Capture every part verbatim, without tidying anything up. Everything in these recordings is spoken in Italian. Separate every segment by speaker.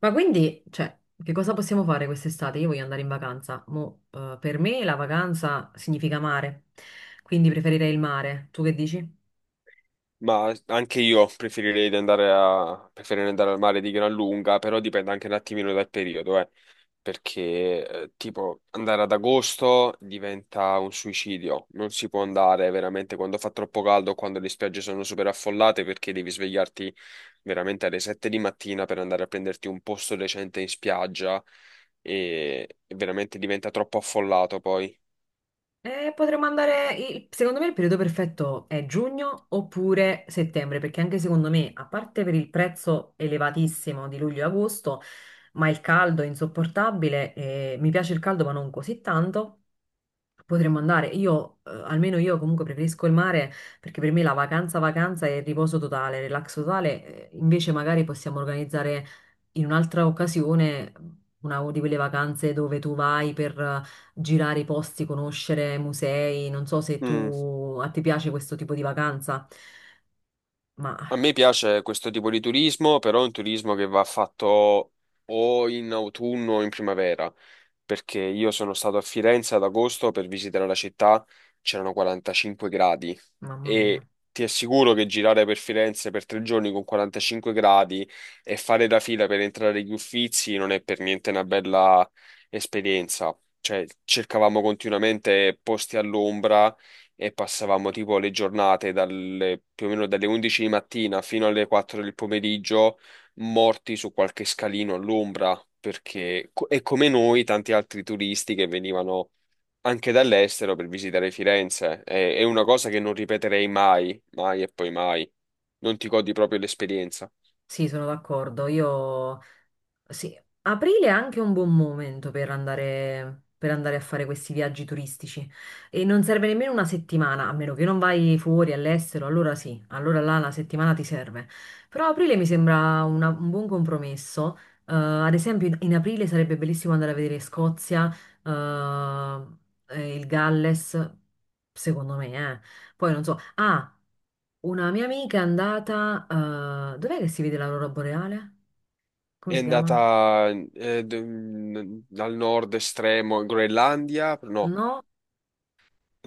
Speaker 1: Ma quindi, cioè, che cosa possiamo fare quest'estate? Io voglio andare in vacanza. Mo, eh, per me la vacanza significa mare, quindi preferirei il mare. Tu che dici?
Speaker 2: Ma anche io preferirei di andare a- preferirei andare al mare di gran lunga, però dipende anche un attimino dal periodo, eh, perché eh, tipo andare ad agosto diventa un suicidio, non si può andare veramente quando fa troppo caldo, o quando le spiagge sono super affollate, perché devi svegliarti veramente alle sette di mattina per andare a prenderti un posto decente in spiaggia e e veramente diventa troppo affollato poi.
Speaker 1: Eh, potremmo andare, il- secondo me il periodo perfetto è giugno oppure settembre, perché anche secondo me, a parte per il prezzo elevatissimo di luglio e agosto, ma il caldo è insopportabile, eh, mi piace il caldo ma non così tanto. Potremmo andare, io, eh, almeno io comunque preferisco il mare perché per me la vacanza, vacanza è riposo totale, relax totale, eh, invece magari possiamo organizzare in un'altra occasione una di quelle vacanze dove tu vai per eh, girare i posti, conoscere musei, non so se
Speaker 2: Mm.
Speaker 1: tu, a te piace questo tipo di vacanza,
Speaker 2: A
Speaker 1: ma
Speaker 2: me piace questo tipo di turismo, però è un turismo che va fatto o in autunno o in primavera perché io sono stato a Firenze ad agosto per visitare la città. C'erano quarantacinque gradi
Speaker 1: mamma
Speaker 2: e
Speaker 1: mia,
Speaker 2: ti assicuro che girare per Firenze per tre giorni con quarantacinque gradi e fare la fila per entrare agli Uffizi non è per niente una bella esperienza. Cioè, cercavamo continuamente posti all'ombra e passavamo tipo le giornate dalle, più o meno dalle undici di mattina fino alle quattro del pomeriggio morti su qualche scalino all'ombra, perché, co- e come noi, tanti altri turisti che venivano anche dall'estero per visitare Firenze. È, è una cosa che non ripeterei mai, mai e poi mai. Non ti godi proprio l'esperienza.
Speaker 1: sì, sono d'accordo, io. Sì, aprile è anche un buon momento per andare, per andare a fare questi viaggi turistici e non serve nemmeno una settimana, a meno che non vai fuori all'estero, allora sì, allora là una settimana ti serve. Però aprile mi sembra una- un buon compromesso. Eh, ad esempio in, in aprile sarebbe bellissimo andare a vedere Scozia, eh, e il Galles, secondo me, eh. Poi non so, ah, una mia amica è andata, eh, dov'è che si vede l'aurora boreale? Come
Speaker 2: È
Speaker 1: si chiama?
Speaker 2: andata eh, d- dal nord estremo in Groenlandia, no,
Speaker 1: No,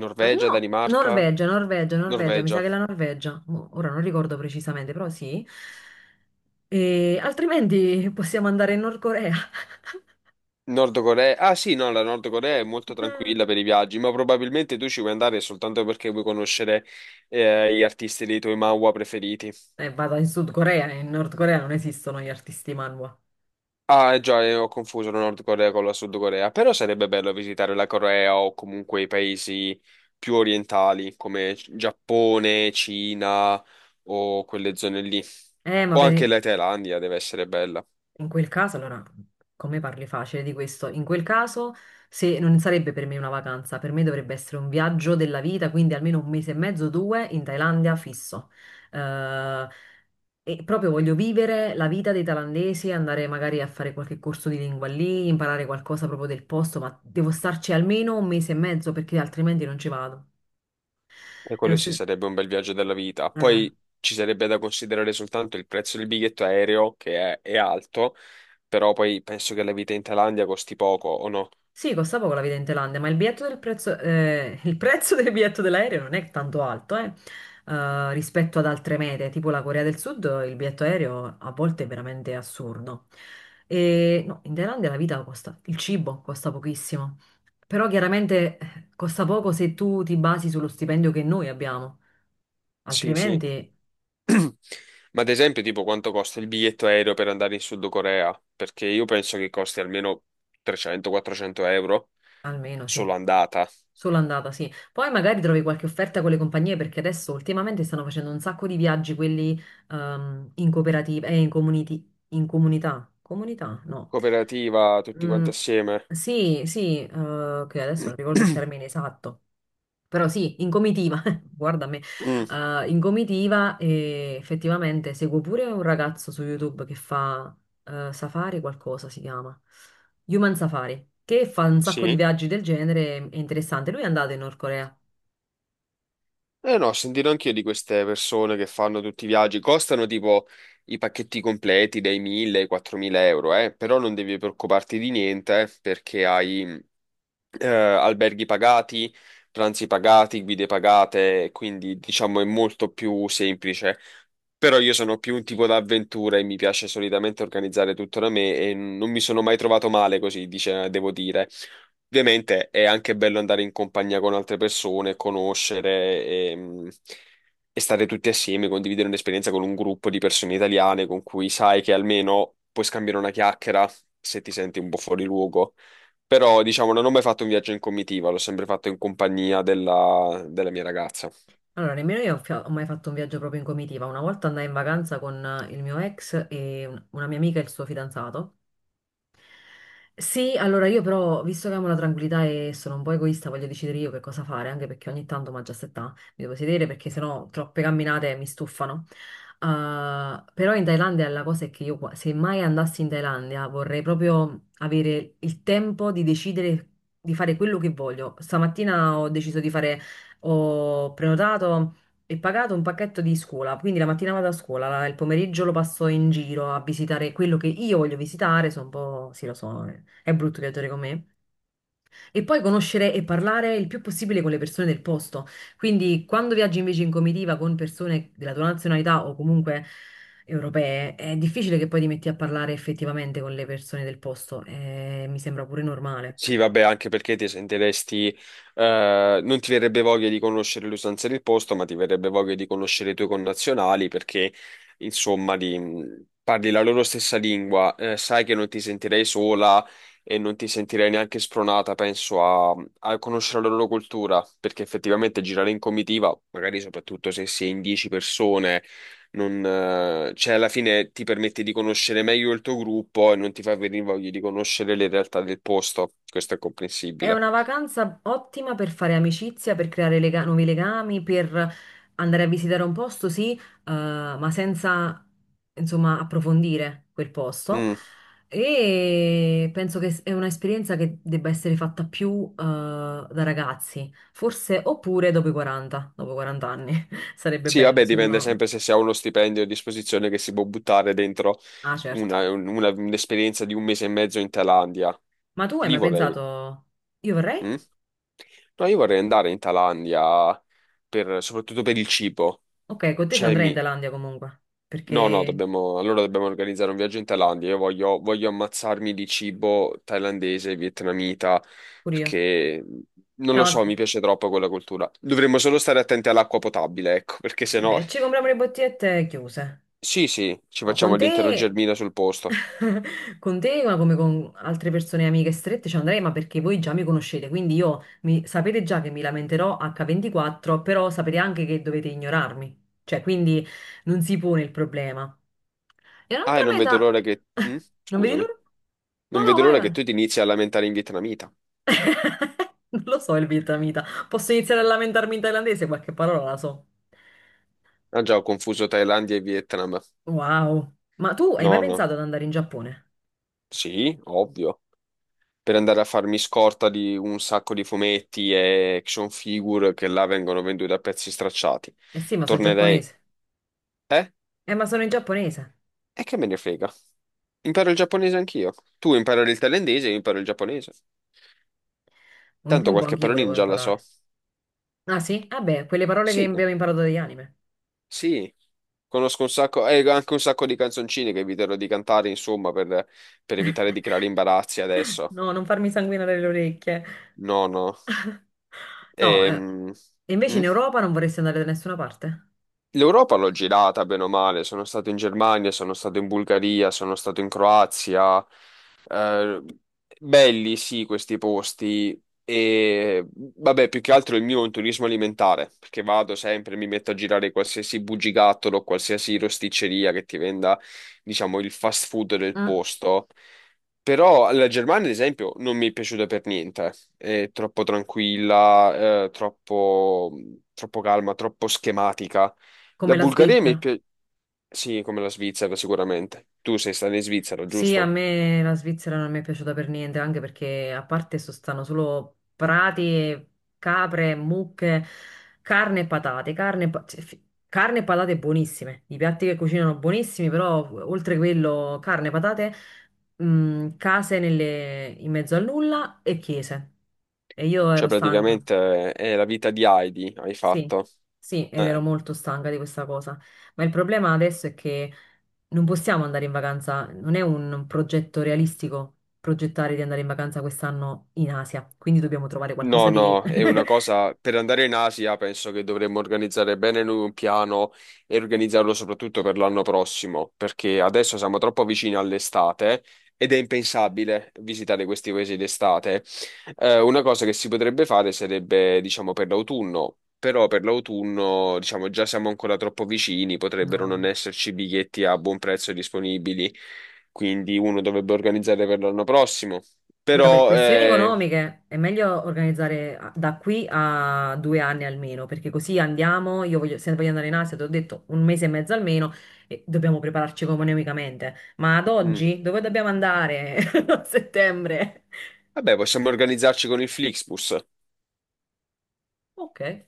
Speaker 2: Norvegia,
Speaker 1: no,
Speaker 2: Danimarca,
Speaker 1: Norvegia, Norvegia, Norvegia, mi sa
Speaker 2: Norvegia.
Speaker 1: che è la Norvegia. Mo- Ora non ricordo precisamente, però sì. E altrimenti possiamo andare in Nord Corea.
Speaker 2: Nord Corea. Ah sì, no, la Nord Corea è molto tranquilla per i viaggi, ma probabilmente tu ci vuoi andare soltanto perché vuoi conoscere, eh, gli artisti dei tuoi manhwa preferiti.
Speaker 1: E vado in Sud Corea, in Nord Corea non esistono gli artisti manhwa.
Speaker 2: Ah, eh, già, eh, ho confuso la Nord Corea con la Sud Corea, però sarebbe bello visitare la Corea o comunque i paesi più orientali come Giappone, Cina o quelle zone lì.
Speaker 1: Eh, ma
Speaker 2: O
Speaker 1: per...
Speaker 2: anche
Speaker 1: i-
Speaker 2: la Thailandia deve essere bella.
Speaker 1: In quel caso, allora, come parli facile di questo? In quel caso, se non sarebbe per me una vacanza, per me dovrebbe essere un viaggio della vita, quindi almeno un mese e mezzo, due in Thailandia fisso. Eh, e proprio voglio vivere la vita dei thailandesi, andare magari a fare qualche corso di lingua lì, imparare qualcosa proprio del posto, ma devo starci almeno un mese e mezzo perché altrimenti non ci vado.
Speaker 2: E
Speaker 1: È lo
Speaker 2: quello sì
Speaker 1: stesso.
Speaker 2: sarebbe un bel viaggio della vita. Poi ci sarebbe da considerare soltanto il prezzo del biglietto aereo, che è, è alto, però poi penso che la vita in Thailandia costi poco, o no?
Speaker 1: Sì, costa poco la vita in Thailandia, ma il biglietto del prezzo, eh, il prezzo del biglietto dell'aereo non è tanto alto, eh, eh, rispetto ad altre mete, tipo la Corea del Sud, il biglietto aereo a volte è veramente assurdo. E no, in Thailandia la vita costa, il cibo costa pochissimo, però chiaramente eh, costa poco se tu ti basi sullo stipendio che noi abbiamo,
Speaker 2: Sì, sì.
Speaker 1: altrimenti
Speaker 2: Ma ad esempio, tipo, quanto costa il biglietto aereo per andare in Sud Corea? Perché io penso che costi almeno trecento-quattrocento euro
Speaker 1: almeno sì.
Speaker 2: solo andata.
Speaker 1: Solo andata, sì. Poi magari trovi qualche offerta con le compagnie perché adesso ultimamente stanno facendo un sacco di viaggi, quelli ehm, in cooperativa, eh, in community, in comunità. Comunità? No.
Speaker 2: Cooperativa, tutti
Speaker 1: Mm,
Speaker 2: quanti assieme.
Speaker 1: sì, sì, eh, che adesso non ricordo il termine esatto, però sì, in comitiva, guarda me,
Speaker 2: Mm,
Speaker 1: eh, in comitiva e effettivamente seguo pure un ragazzo su YouTube che fa eh, Safari qualcosa si chiama, Human Safari, che fa un sacco di
Speaker 2: sì.
Speaker 1: viaggi del genere, è interessante, lui è andato in Nord Corea.
Speaker 2: Eh no, ho sentito anch'io di queste persone che fanno tutti i viaggi. Costano tipo i pacchetti completi dai mille ai quattromila euro, eh? Però non devi preoccuparti di niente, eh, perché hai, eh, alberghi pagati, pranzi pagati, guide pagate, quindi diciamo è molto più semplice. Però io sono più un tipo da avventura e mi piace solitamente organizzare tutto da me e non mi sono mai trovato male così, dice, devo dire. Ovviamente è anche bello andare in compagnia con altre persone, conoscere e, mh, e stare tutti assieme, condividere un'esperienza con un gruppo di persone italiane con cui sai che almeno puoi scambiare una chiacchiera se ti senti un po' fuori luogo. Però, diciamo, non ho mai fatto un viaggio in comitiva, l'ho sempre fatto in compagnia della, della mia ragazza.
Speaker 1: Allora, nemmeno io ho, fia- ho mai fatto un viaggio proprio in comitiva. Una volta andai in vacanza con eh, il mio ex e un- una mia amica e il suo fidanzato. Sì, allora io però, visto che amo la tranquillità e sono un po' egoista, voglio decidere io che cosa fare, anche perché ogni tanto, ma già settà, mi devo sedere perché sennò troppe camminate mi stufano. Uh, però in Thailandia la cosa è che io, qua- se mai andassi in Thailandia, vorrei proprio avere il tempo di decidere di fare quello che voglio. Stamattina ho deciso di fare, ho prenotato e pagato un pacchetto di scuola, quindi la mattina vado a scuola, la- il pomeriggio lo passo in giro a visitare quello che io voglio visitare, sono un po', sì lo so, eh. È brutto viaggiare con me. E poi conoscere e parlare il più possibile con le persone del posto. Quindi quando viaggi invece in comitiva con persone della tua nazionalità o comunque europee, è difficile che poi ti metti a parlare effettivamente con le persone del posto. Eh, mi sembra pure normale.
Speaker 2: Sì, vabbè, anche perché ti sentiresti, eh, non ti verrebbe voglia di conoscere le usanze del posto, ma ti verrebbe voglia di conoscere i tuoi connazionali perché, insomma, di, mm, parli la loro stessa lingua, eh, sai che non ti sentirei sola e non ti sentirei neanche spronata, penso, a, a conoscere la loro cultura, perché effettivamente girare in comitiva, magari soprattutto se si è in dieci persone. Non, eh, cioè, alla fine ti permette di conoscere meglio il tuo gruppo e non ti fa venire voglia di conoscere le realtà del posto. Questo è
Speaker 1: È
Speaker 2: comprensibile.
Speaker 1: una vacanza ottima per fare amicizia, per creare lega- nuovi legami, per andare a visitare un posto, sì, eh, ma senza, insomma, approfondire quel posto.
Speaker 2: Mm.
Speaker 1: E penso che s- è un'esperienza che debba essere fatta più, eh, da ragazzi, forse oppure dopo i quaranta, dopo i quaranta anni. Sarebbe
Speaker 2: Sì,
Speaker 1: bello
Speaker 2: vabbè,
Speaker 1: se
Speaker 2: dipende
Speaker 1: uno...
Speaker 2: sempre se si ha uno stipendio a disposizione che si può buttare dentro
Speaker 1: Ah, certo.
Speaker 2: una- una- un'esperienza di un mese e mezzo in Thailandia.
Speaker 1: Ma tu hai
Speaker 2: Lì
Speaker 1: mai
Speaker 2: vorrei.
Speaker 1: pensato, io vorrei?
Speaker 2: Mm? No, io vorrei andare in Thailandia, per- soprattutto per il cibo.
Speaker 1: Ok, con te ci
Speaker 2: Cioè,
Speaker 1: andrei in
Speaker 2: mi,
Speaker 1: Thailandia comunque,
Speaker 2: no, no,
Speaker 1: perché
Speaker 2: dobbiamo, allora dobbiamo organizzare un viaggio in Thailandia. Io voglio, voglio ammazzarmi di cibo thailandese, vietnamita,
Speaker 1: pure io.
Speaker 2: perché non
Speaker 1: Eh,
Speaker 2: lo
Speaker 1: ma
Speaker 2: so, mi piace troppo quella cultura. Dovremmo solo stare attenti all'acqua potabile, ecco, perché sennò.
Speaker 1: vabbè, ci compriamo le bottigliette chiuse.
Speaker 2: Sì, sì, ci
Speaker 1: No, con
Speaker 2: facciamo l'intero
Speaker 1: te,
Speaker 2: germina sul posto.
Speaker 1: con te, ma come con altre persone amiche strette, ci andrei, ma perché voi già mi conoscete, quindi io mi- sapete già che mi lamenterò acca ventiquattro, però sapete anche che dovete ignorarmi. Cioè, quindi non si pone il problema. E
Speaker 2: Ah, e
Speaker 1: un'altra
Speaker 2: non
Speaker 1: meta...
Speaker 2: vedo l'ora che. Mm?
Speaker 1: Non vedi
Speaker 2: Scusami.
Speaker 1: l'ora? No,
Speaker 2: Non
Speaker 1: no,
Speaker 2: vedo
Speaker 1: vai,
Speaker 2: l'ora che
Speaker 1: vai.
Speaker 2: tu ti inizi a lamentare in vietnamita.
Speaker 1: Non lo so il vietnamita. Posso iniziare a lamentarmi in thailandese? Qualche parola la so.
Speaker 2: Ah già, ho confuso Thailandia e Vietnam.
Speaker 1: Wow. Ma tu hai mai
Speaker 2: No, no.
Speaker 1: pensato ad andare in Giappone?
Speaker 2: Sì, ovvio. Per andare a farmi scorta di un sacco di fumetti e action figure che là vengono venduti a pezzi stracciati.
Speaker 1: Eh sì, ma sono in
Speaker 2: Tornerei.
Speaker 1: giapponese.
Speaker 2: Eh?
Speaker 1: Eh, ma sono in giapponese.
Speaker 2: E che me ne frega? Imparo il giapponese anch'io. Tu imparo il thailandese, io imparo il giapponese.
Speaker 1: Un
Speaker 2: Tanto
Speaker 1: tempo
Speaker 2: qualche
Speaker 1: anch'io
Speaker 2: parolina
Speaker 1: volevo
Speaker 2: già la so.
Speaker 1: imparare. Ah sì? Ah beh, quelle parole che
Speaker 2: Sì,
Speaker 1: abbiamo imparato dagli anime.
Speaker 2: sì. Conosco un sacco, e anche un sacco di canzoncine che eviterò di cantare, insomma, per, per evitare di creare imbarazzi adesso.
Speaker 1: No, non farmi sanguinare le orecchie.
Speaker 2: No, no.
Speaker 1: No, eh,
Speaker 2: Ehm,
Speaker 1: e invece in
Speaker 2: mm?
Speaker 1: Europa non vorresti andare da nessuna parte?
Speaker 2: L'Europa l'ho girata bene o male, sono stato in Germania, sono stato in Bulgaria, sono stato in Croazia. Eh, belli sì questi posti e vabbè, più che altro il mio è un turismo alimentare, perché vado sempre, mi metto a girare qualsiasi bugigattolo, qualsiasi rosticceria che ti venda, diciamo, il fast food del
Speaker 1: Mm,
Speaker 2: posto. Però la Germania, ad esempio, non mi è piaciuta per niente. È troppo tranquilla, eh, troppo, troppo calma, troppo schematica.
Speaker 1: come
Speaker 2: La
Speaker 1: la
Speaker 2: Bulgaria mi
Speaker 1: Svizzera.
Speaker 2: piace, sì, come la Svizzera sicuramente. Tu sei stato in Svizzera,
Speaker 1: Sì, a
Speaker 2: giusto?
Speaker 1: me la Svizzera non mi è piaciuta per niente, anche perché a parte sostanno solo prati, e capre, mucche, carne e patate, carne, e pa- cioè, fi- carne e patate buonissime, i piatti che cucinano buonissimi, però oltre quello carne, patate, mh, case nelle- in mezzo a nulla e chiese. E io ero
Speaker 2: Cioè
Speaker 1: stanca.
Speaker 2: praticamente, eh, è la vita di Heidi, hai
Speaker 1: Sì,
Speaker 2: fatto.
Speaker 1: sì, ed ero
Speaker 2: Eh,
Speaker 1: molto stanca di questa cosa. Ma il problema adesso è che non possiamo andare in vacanza, non è un progetto realistico progettare di andare in vacanza quest'anno in Asia, quindi dobbiamo trovare
Speaker 2: No,
Speaker 1: qualcosa di...
Speaker 2: no, è una cosa per andare in Asia penso che dovremmo organizzare bene noi un piano e organizzarlo soprattutto per l'anno prossimo, perché adesso siamo troppo vicini all'estate ed è impensabile visitare questi paesi d'estate. Eh, una cosa che si potrebbe fare sarebbe, diciamo, per l'autunno, però per l'autunno, diciamo, già siamo ancora troppo vicini, potrebbero non
Speaker 1: No.
Speaker 2: esserci biglietti a buon prezzo disponibili, quindi uno dovrebbe organizzare per l'anno prossimo.
Speaker 1: Allora, per
Speaker 2: Però,
Speaker 1: questioni
Speaker 2: eh,
Speaker 1: economiche è meglio organizzare a- da qui a due anni almeno, perché così andiamo, io voglio, se voglio andare in Asia, ti ho detto un mese e mezzo almeno, e dobbiamo prepararci economicamente. Ma ad
Speaker 2: mm.
Speaker 1: oggi dove dobbiamo andare a settembre?
Speaker 2: Vabbè, possiamo organizzarci con il Flixbus.
Speaker 1: Ok,